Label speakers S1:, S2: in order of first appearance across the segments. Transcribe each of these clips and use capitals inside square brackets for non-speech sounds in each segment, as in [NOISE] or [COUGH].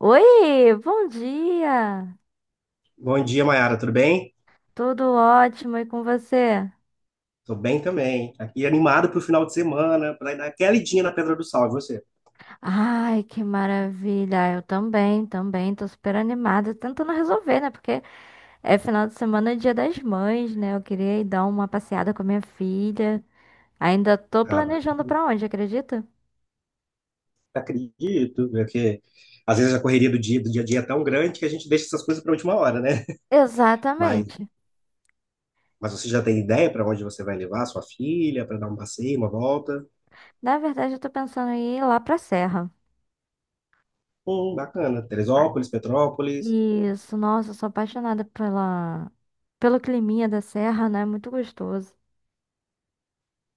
S1: Oi, bom dia!
S2: Bom dia, Mayara, tudo bem?
S1: Tudo ótimo e com você?
S2: Tô bem também. Aqui animado pro final de semana, pra dar aquela idinha na Pedra do Sal, e você?
S1: Ai, que maravilha! Eu tô super animada, tentando resolver, né? Porque é final de semana, é dia das mães, né? Eu queria ir dar uma passeada com a minha filha. Ainda tô
S2: Ah, mas
S1: planejando pra onde, acredita?
S2: acredito, porque às vezes a correria do dia a dia é tão grande que a gente deixa essas coisas pra última hora, né? Mas,
S1: Exatamente.
S2: mas você já tem ideia pra onde você vai levar sua filha, pra dar um passeio, uma volta?
S1: Na verdade, eu tô pensando em ir lá pra Serra.
S2: Bacana.
S1: Ah.
S2: Teresópolis, Petrópolis.
S1: Isso, nossa, eu sou apaixonada pelo climinha da Serra, né? Muito gostoso.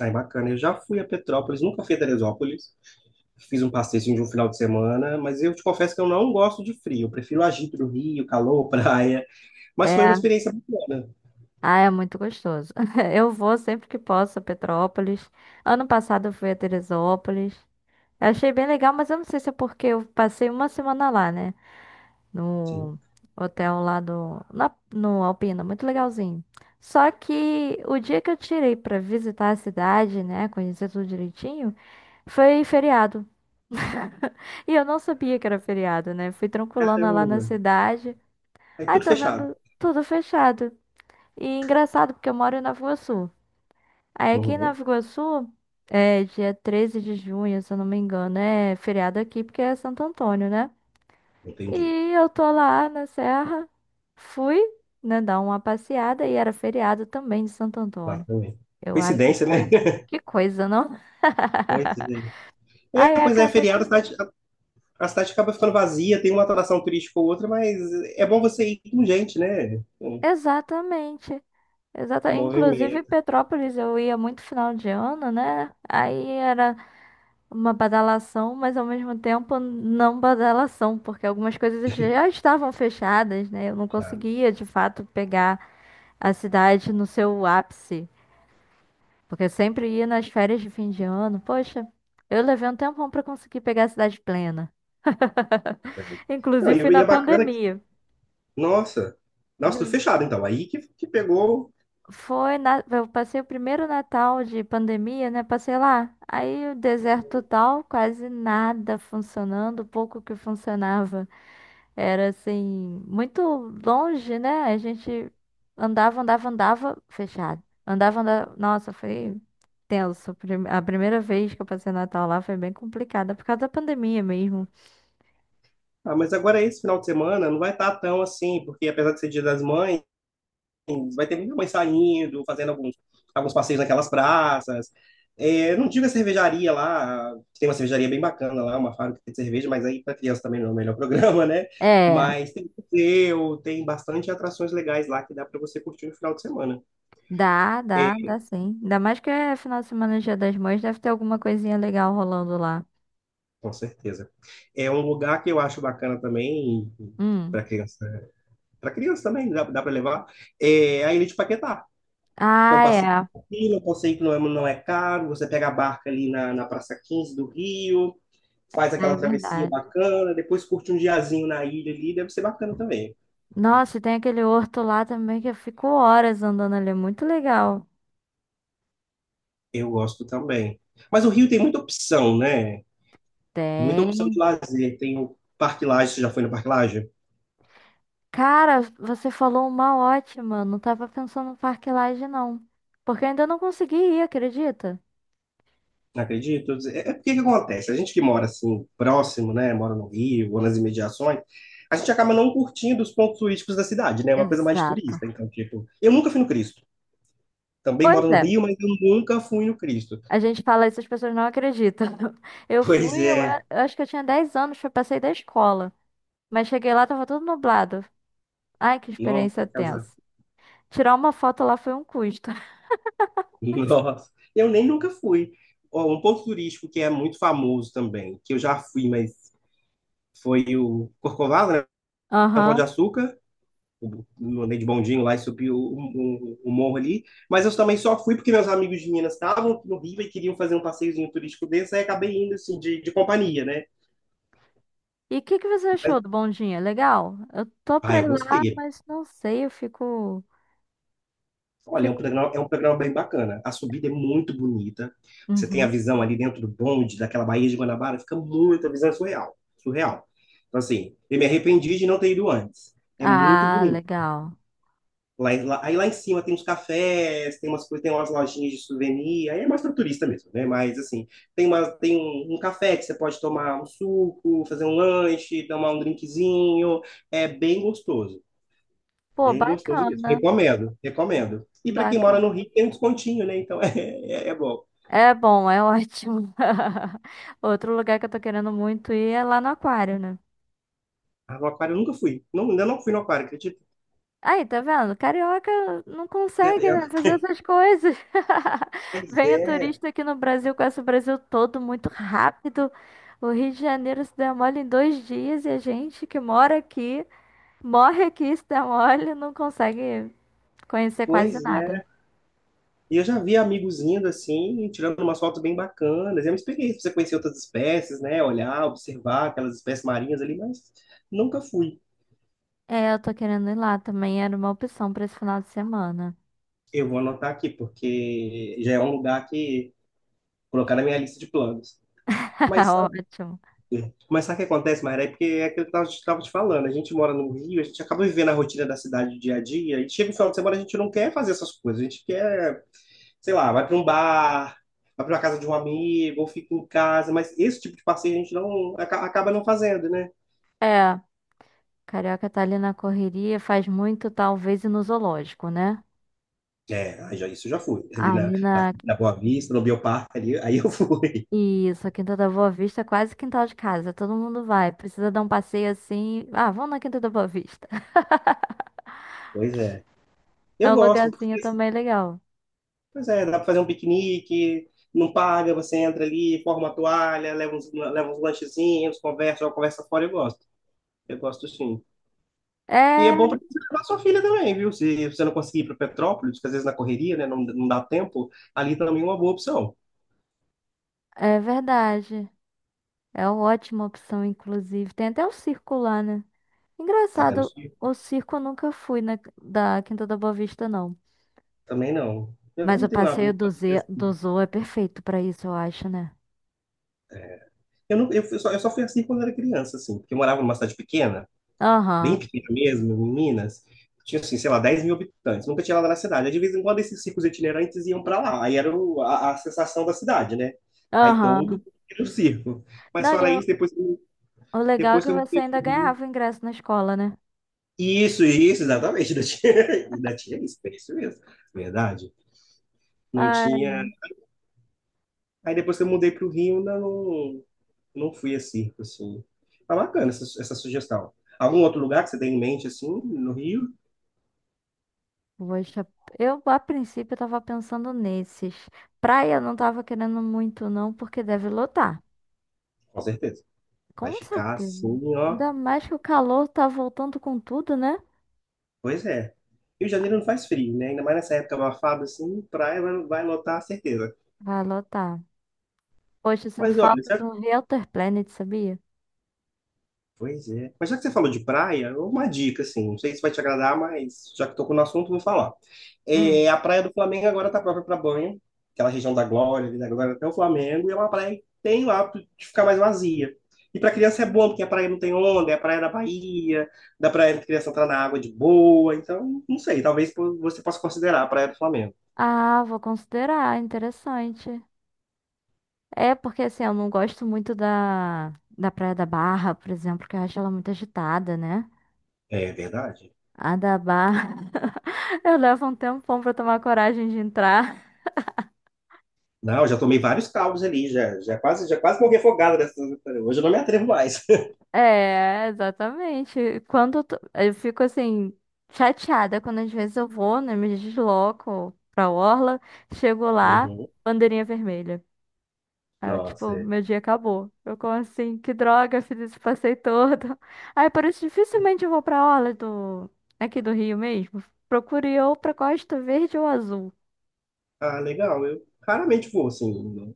S2: Ai, bacana. Eu já fui a Petrópolis, nunca fui a Teresópolis. Fiz um passeio de um final de semana, mas eu te confesso que eu não gosto de frio. Eu prefiro o agito do Rio, calor, [LAUGHS] praia. Mas foi uma
S1: É.
S2: experiência bacana.
S1: Ah, é muito gostoso. [LAUGHS] Eu vou sempre que posso a Petrópolis. Ano passado eu fui a Teresópolis. Eu achei bem legal, mas eu não sei se é porque eu passei uma semana lá, né?
S2: Sim.
S1: No hotel lá no Alpina, muito legalzinho. Só que o dia que eu tirei pra visitar a cidade, né, conhecer tudo direitinho, foi feriado. E eu não sabia que era feriado, né? Fui tranquilona lá na
S2: Caramba.
S1: cidade.
S2: Tá. Aí
S1: Aí
S2: tudo
S1: tô
S2: fechado.
S1: vendo tudo fechado. E engraçado, porque eu moro em Nova Iguaçu. Aí aqui em
S2: Uhum.
S1: Nova Iguaçu, é dia 13 de junho, se eu não me engano, é feriado aqui porque é Santo Antônio, né?
S2: Entendi.
S1: E eu tô lá na serra, fui, né, dar uma passeada e era feriado também de Santo
S2: Lá
S1: Antônio.
S2: também.
S1: Eu, ai, que
S2: Coincidência, né?
S1: coisa.
S2: [LAUGHS]
S1: Que coisa, não?
S2: Pois
S1: [LAUGHS]
S2: é. É,
S1: Aí
S2: pois é,
S1: acaba que.
S2: feriado, a cidade, a cidade acaba ficando vazia, tem uma atração turística ou outra, mas é bom você ir com gente, né?
S1: Exatamente. Exata...
S2: Com
S1: Inclusive,
S2: movimento.
S1: Petrópolis eu ia muito final de ano, né? Aí era uma badalação, mas ao mesmo tempo não badalação, porque algumas coisas já estavam fechadas, né? Eu não
S2: Claro,
S1: conseguia, de fato, pegar a cidade no seu ápice, porque eu sempre ia nas férias de fim de ano. Poxa, eu levei um tempão para conseguir pegar a cidade plena.
S2: caramba.
S1: [LAUGHS]
S2: Não,
S1: Inclusive, fui
S2: e
S1: na
S2: é bacana que,
S1: pandemia.
S2: nossa, nossa, tudo fechado, então. Aí que pegou.
S1: Eu passei o primeiro Natal de pandemia, né? Passei lá. Aí o deserto total, quase nada funcionando, pouco que funcionava. Era assim, muito longe, né? A gente andava, fechado. Andava. Nossa, foi tenso. A primeira vez que eu passei Natal lá foi bem complicada, por causa da pandemia mesmo.
S2: Ah, mas agora é esse final de semana não vai estar tão assim, porque apesar de ser Dia das Mães, vai ter muita mãe saindo, fazendo alguns, alguns passeios naquelas praças. É, não tive a cervejaria lá, tem uma cervejaria bem bacana lá, uma fábrica de cerveja, mas aí para criança também não é o melhor [LAUGHS] programa, né?
S1: É,
S2: Mas tem museu, tem bastante atrações legais lá que dá para você curtir no final de semana. É,
S1: dá sim. Ainda mais que é final de semana, Dia das Mães, deve ter alguma coisinha legal rolando lá.
S2: com certeza. É um lugar que eu acho bacana também
S1: Hum.
S2: para criança. Para criança também, dá, dá para levar. É a Ilha de Paquetá. Então,
S1: Ah,
S2: passeio
S1: é.
S2: tranquilo, um passeio que não é, não é caro, você pega a barca ali na Praça 15 do Rio, faz
S1: É
S2: aquela travessia
S1: verdade.
S2: bacana, depois curte um diazinho na ilha ali, deve ser bacana também.
S1: Nossa, e tem aquele horto lá também que eu fico horas andando ali. É muito legal.
S2: Eu gosto também. Mas o Rio tem muita opção, né? Muita opção de
S1: Tem.
S2: lazer. Tem o Parque Lage, você já foi no Parque Lage?
S1: Cara, você falou uma ótima. Não tava pensando no Parque Lage, não. Porque eu ainda não consegui ir, acredita?
S2: Não acredito. É, é porque que acontece? A gente que mora assim, próximo, né? Mora no Rio ou nas imediações, a gente acaba não curtindo os pontos turísticos da cidade, né? É uma coisa mais de
S1: Exato.
S2: turista. Então, tipo, eu nunca fui no Cristo. Também
S1: Pois
S2: moro no
S1: é.
S2: Rio, mas eu nunca fui no Cristo.
S1: A
S2: [LAUGHS]
S1: gente fala isso, as pessoas não acreditam. [LAUGHS]
S2: Pois é.
S1: Eu acho que eu tinha 10 anos, foi passei da escola. Mas cheguei lá, tava tudo nublado. Ai, que
S2: Nossa,
S1: experiência
S2: que casa.
S1: tensa. Tirar uma foto lá foi um custo. [LAUGHS]
S2: Nossa. Eu nem nunca fui. Ó, um ponto turístico que é muito famoso também, que eu já fui, mas foi o Corcovado, né? O Pão de
S1: Aham.
S2: Açúcar. Eu andei de bondinho lá e subi o morro ali. Mas eu também só fui porque meus amigos de Minas estavam no Rio e queriam fazer um passeiozinho turístico desse, aí acabei indo assim, de companhia, né?
S1: E o que que você
S2: Mas,
S1: achou do Bondinha? Legal? Eu tô
S2: ah,
S1: pra
S2: eu
S1: ir lá,
S2: gostei.
S1: mas não sei,
S2: Olha,
S1: fico...
S2: é um programa bem bacana. A subida é muito bonita. Você tem a
S1: Uhum.
S2: visão ali dentro do bonde, daquela Baía de Guanabara, fica muito, a visão é surreal, surreal. Então, assim, eu me arrependi de não ter ido antes. É muito
S1: Ah,
S2: bonito.
S1: legal.
S2: Lá, aí lá em cima tem uns cafés, tem umas coisas, tem umas lojinhas de souvenir, aí é mais para turista mesmo, né? Mas assim, tem uma, tem um, um café que você pode tomar um suco, fazer um lanche, tomar um drinkzinho, é bem gostoso.
S1: Pô,
S2: Bem gostoso mesmo.
S1: bacana.
S2: Recomendo, recomendo. E para quem mora no
S1: Bacana.
S2: Rio, tem um descontinho, né? Então [LAUGHS] é bom.
S1: É bom, é ótimo. [LAUGHS] Outro lugar que eu tô querendo muito ir é lá no aquário, né?
S2: Ah, no aquário eu nunca fui. Não, ainda não fui no aquário, acredito.
S1: Aí, tá vendo? Carioca não consegue, né, fazer essas coisas. [LAUGHS]
S2: Pois
S1: Vem o
S2: é,
S1: turista aqui no Brasil, conhece o Brasil todo muito rápido. O Rio de Janeiro se demole em 2 dias e a gente que mora aqui, morre aqui, se demole, não consegue conhecer quase
S2: pois é.
S1: nada.
S2: E eu já vi amigos indo assim, tirando umas fotos bem bacanas. É uma experiência pra você conhecer outras espécies, né? Olhar, observar aquelas espécies marinhas ali, mas nunca fui.
S1: É, eu tô querendo ir lá também, era uma opção pra esse final de semana.
S2: Eu vou anotar aqui, porque já é um lugar que colocar na minha lista de planos.
S1: [LAUGHS]
S2: Mas
S1: Ótimo.
S2: Mas sabe o que acontece, Mayra? É porque é aquilo que eu estava te falando. A gente mora no Rio, a gente acaba vivendo a rotina da cidade dia a dia, e chega o final de semana, a gente não quer fazer essas coisas. A gente quer, sei lá, vai para um bar, vai para a casa de um amigo, ou fica em casa, mas esse tipo de passeio a gente acaba não fazendo, né?
S1: É. Carioca tá ali na correria, faz muito, talvez, ir no zoológico, né?
S2: É, aí já, isso eu já fui. Ali na,
S1: Ali na.
S2: na, na Boa Vista, no Bioparque, ali, aí eu fui. [LAUGHS]
S1: Isso, a Quinta da Boa Vista é quase quintal de casa. Todo mundo vai. Precisa dar um passeio assim. Ah, vamos na Quinta da Boa Vista. [LAUGHS]
S2: Pois é.
S1: É
S2: Eu
S1: um
S2: gosto,
S1: lugarzinho
S2: porque
S1: também legal.
S2: pois é, dá para fazer um piquenique, não paga, você entra ali, forma a toalha, leva uns lanchezinhos, conversa, joga conversa fora, eu gosto. Eu gosto sim. E é
S1: É,
S2: bom para levar sua filha também, viu? Se você não conseguir ir para Petrópolis, que às vezes na correria, né, não, não dá tempo, ali também é uma boa opção.
S1: é verdade. É uma ótima opção, inclusive. Tem até o circo lá, né?
S2: Tá tendo
S1: Engraçado,
S2: filho?
S1: o circo eu nunca fui da Quinta da Boa Vista, não.
S2: Também não. Eu
S1: Mas
S2: não
S1: o
S2: tenho lá
S1: passeio
S2: muita assim.
S1: do Zoo é perfeito pra isso, eu acho, né?
S2: Eu, não, eu, fui só, eu só fui assim quando era criança, assim, porque eu morava numa cidade pequena. Bem
S1: Aham,
S2: pequena mesmo, em Minas, tinha, assim, sei lá, 10.000 habitantes, nunca tinha lá na cidade. Aí, de vez em quando, esses circos itinerantes iam para lá, aí era a sensação da cidade, né? Aí todo
S1: aham.
S2: mundo era o circo. Mas
S1: Não,
S2: fora isso, depois,
S1: o legal é
S2: depois
S1: que
S2: que eu me
S1: você ainda
S2: pro Rio.
S1: ganhava o ingresso na escola, né?
S2: Isso, exatamente, ainda tinha, [LAUGHS] ainda tinha isso, é isso mesmo, verdade. Não
S1: Ai,
S2: tinha. Aí depois que eu mudei para o Rio, ainda não, não fui a circo, assim. Tá bacana essa, essa sugestão. Algum outro lugar que você tem em mente, assim, no Rio?
S1: poxa, eu a princípio tava pensando nesses. Praia eu não tava querendo muito não, porque deve lotar.
S2: Com certeza. Vai
S1: Com
S2: ficar
S1: certeza.
S2: assim, ó.
S1: Ainda mais que o calor tá voltando com tudo, né?
S2: Pois é. Rio de Janeiro não faz frio, né? Ainda mais nessa época abafada, assim, praia vai, vai lotar, certeza.
S1: Vai lotar. Poxa, eu sinto
S2: Mas olha,
S1: falta de
S2: já...
S1: um Realtor Planet, sabia?
S2: pois é. Mas já que você falou de praia, uma dica, assim, não sei se vai te agradar, mas já que tocou no assunto, vou falar. É,
S1: Hum.
S2: a praia do Flamengo agora tá própria para banho, aquela região da Glória, ali da Glória até o Flamengo, e é uma praia que tem o hábito de ficar mais vazia. E para criança é
S1: Hum.
S2: bom, porque a praia não tem onda, é a praia da Bahia, dá pra criança entrar na água de boa, então, não sei, talvez você possa considerar a praia do Flamengo.
S1: Ah, vou considerar, interessante. É porque assim, eu não gosto muito da Praia da Barra, por exemplo, que eu acho ela muito agitada, né?
S2: É verdade.
S1: A da Barra. Eu levo um tempão pra tomar coragem de entrar.
S2: Não, já tomei vários caldos ali, já, já quase morri afogado nessa. Hoje eu não me atrevo mais. [LAUGHS]
S1: É, exatamente. Quando eu fico assim, chateada quando às vezes eu vou, né? Me desloco pra orla, chego lá,
S2: Uhum.
S1: bandeirinha vermelha. Aí eu,
S2: Nossa,
S1: tipo,
S2: é.
S1: meu dia acabou. Eu como assim, que droga, fiz esse passeio todo. Aí por isso dificilmente eu vou pra orla aqui do Rio mesmo. Procuro ir ou pra Costa Verde ou Azul.
S2: Ah, legal. Eu raramente vou assim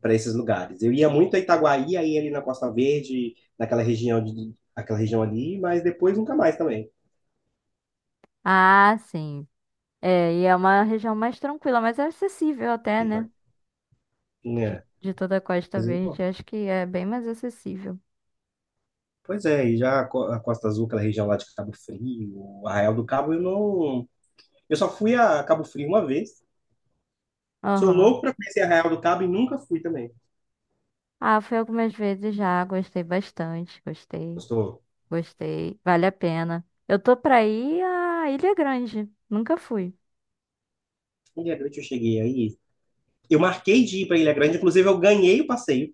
S2: para esses lugares. Eu ia muito a Itaguaí, aí ali na Costa Verde, naquela região de, aquela região ali, mas depois nunca mais também.
S1: Ah, sim. É, e é uma região mais tranquila, mas é acessível até,
S2: É,
S1: né? De toda a Costa
S2: mas eu- bom,
S1: Verde, acho que é bem mais acessível.
S2: pois é, e já a Costa Azul, aquela região lá de Cabo Frio, Arraial do Cabo, eu não, eu só fui a Cabo Frio uma vez. Sou
S1: Aham.
S2: louco para conhecer Arraial do Cabo e nunca fui também.
S1: Ah, fui algumas vezes já, gostei bastante,
S2: Gostou?
S1: vale a pena. Eu tô pra ir à Ilha Grande, nunca fui.
S2: Em Ilha Grande eu cheguei aí. Eu marquei de ir para Ilha Grande, inclusive eu ganhei o passeio.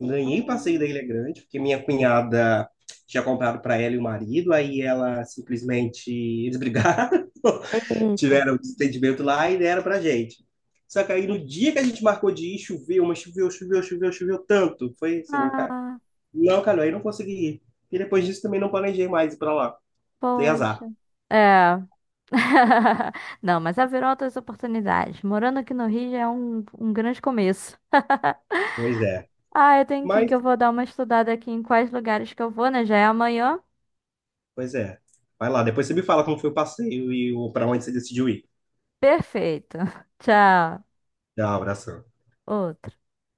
S2: Ganhei o passeio da
S1: Hum,
S2: Ilha Grande, porque minha cunhada tinha comprado para ela e o marido, aí ela simplesmente eles brigaram, [LAUGHS]
S1: Eita.
S2: tiveram um desentendimento lá e deram pra gente. Só que aí no dia que a gente marcou de ir, choveu, mas choveu, choveu, choveu, choveu tanto. Foi assim, cara.
S1: Ah,
S2: Não, cara, aí não consegui ir. E depois disso também não planejei mais ir pra lá. Dei azar.
S1: poxa. É. [LAUGHS] Não, mas haverão outras oportunidades. Morando aqui no Rio já é um grande começo.
S2: Pois é.
S1: Ah, eu tenho que ir, que
S2: Mas,
S1: eu vou dar uma estudada aqui em quais lugares que eu vou, né? Já é amanhã.
S2: pois é. Vai lá, depois você me fala como foi o passeio e o para onde você decidiu ir.
S1: Perfeito. [LAUGHS] Tchau.
S2: Tchau, abração.
S1: Outro.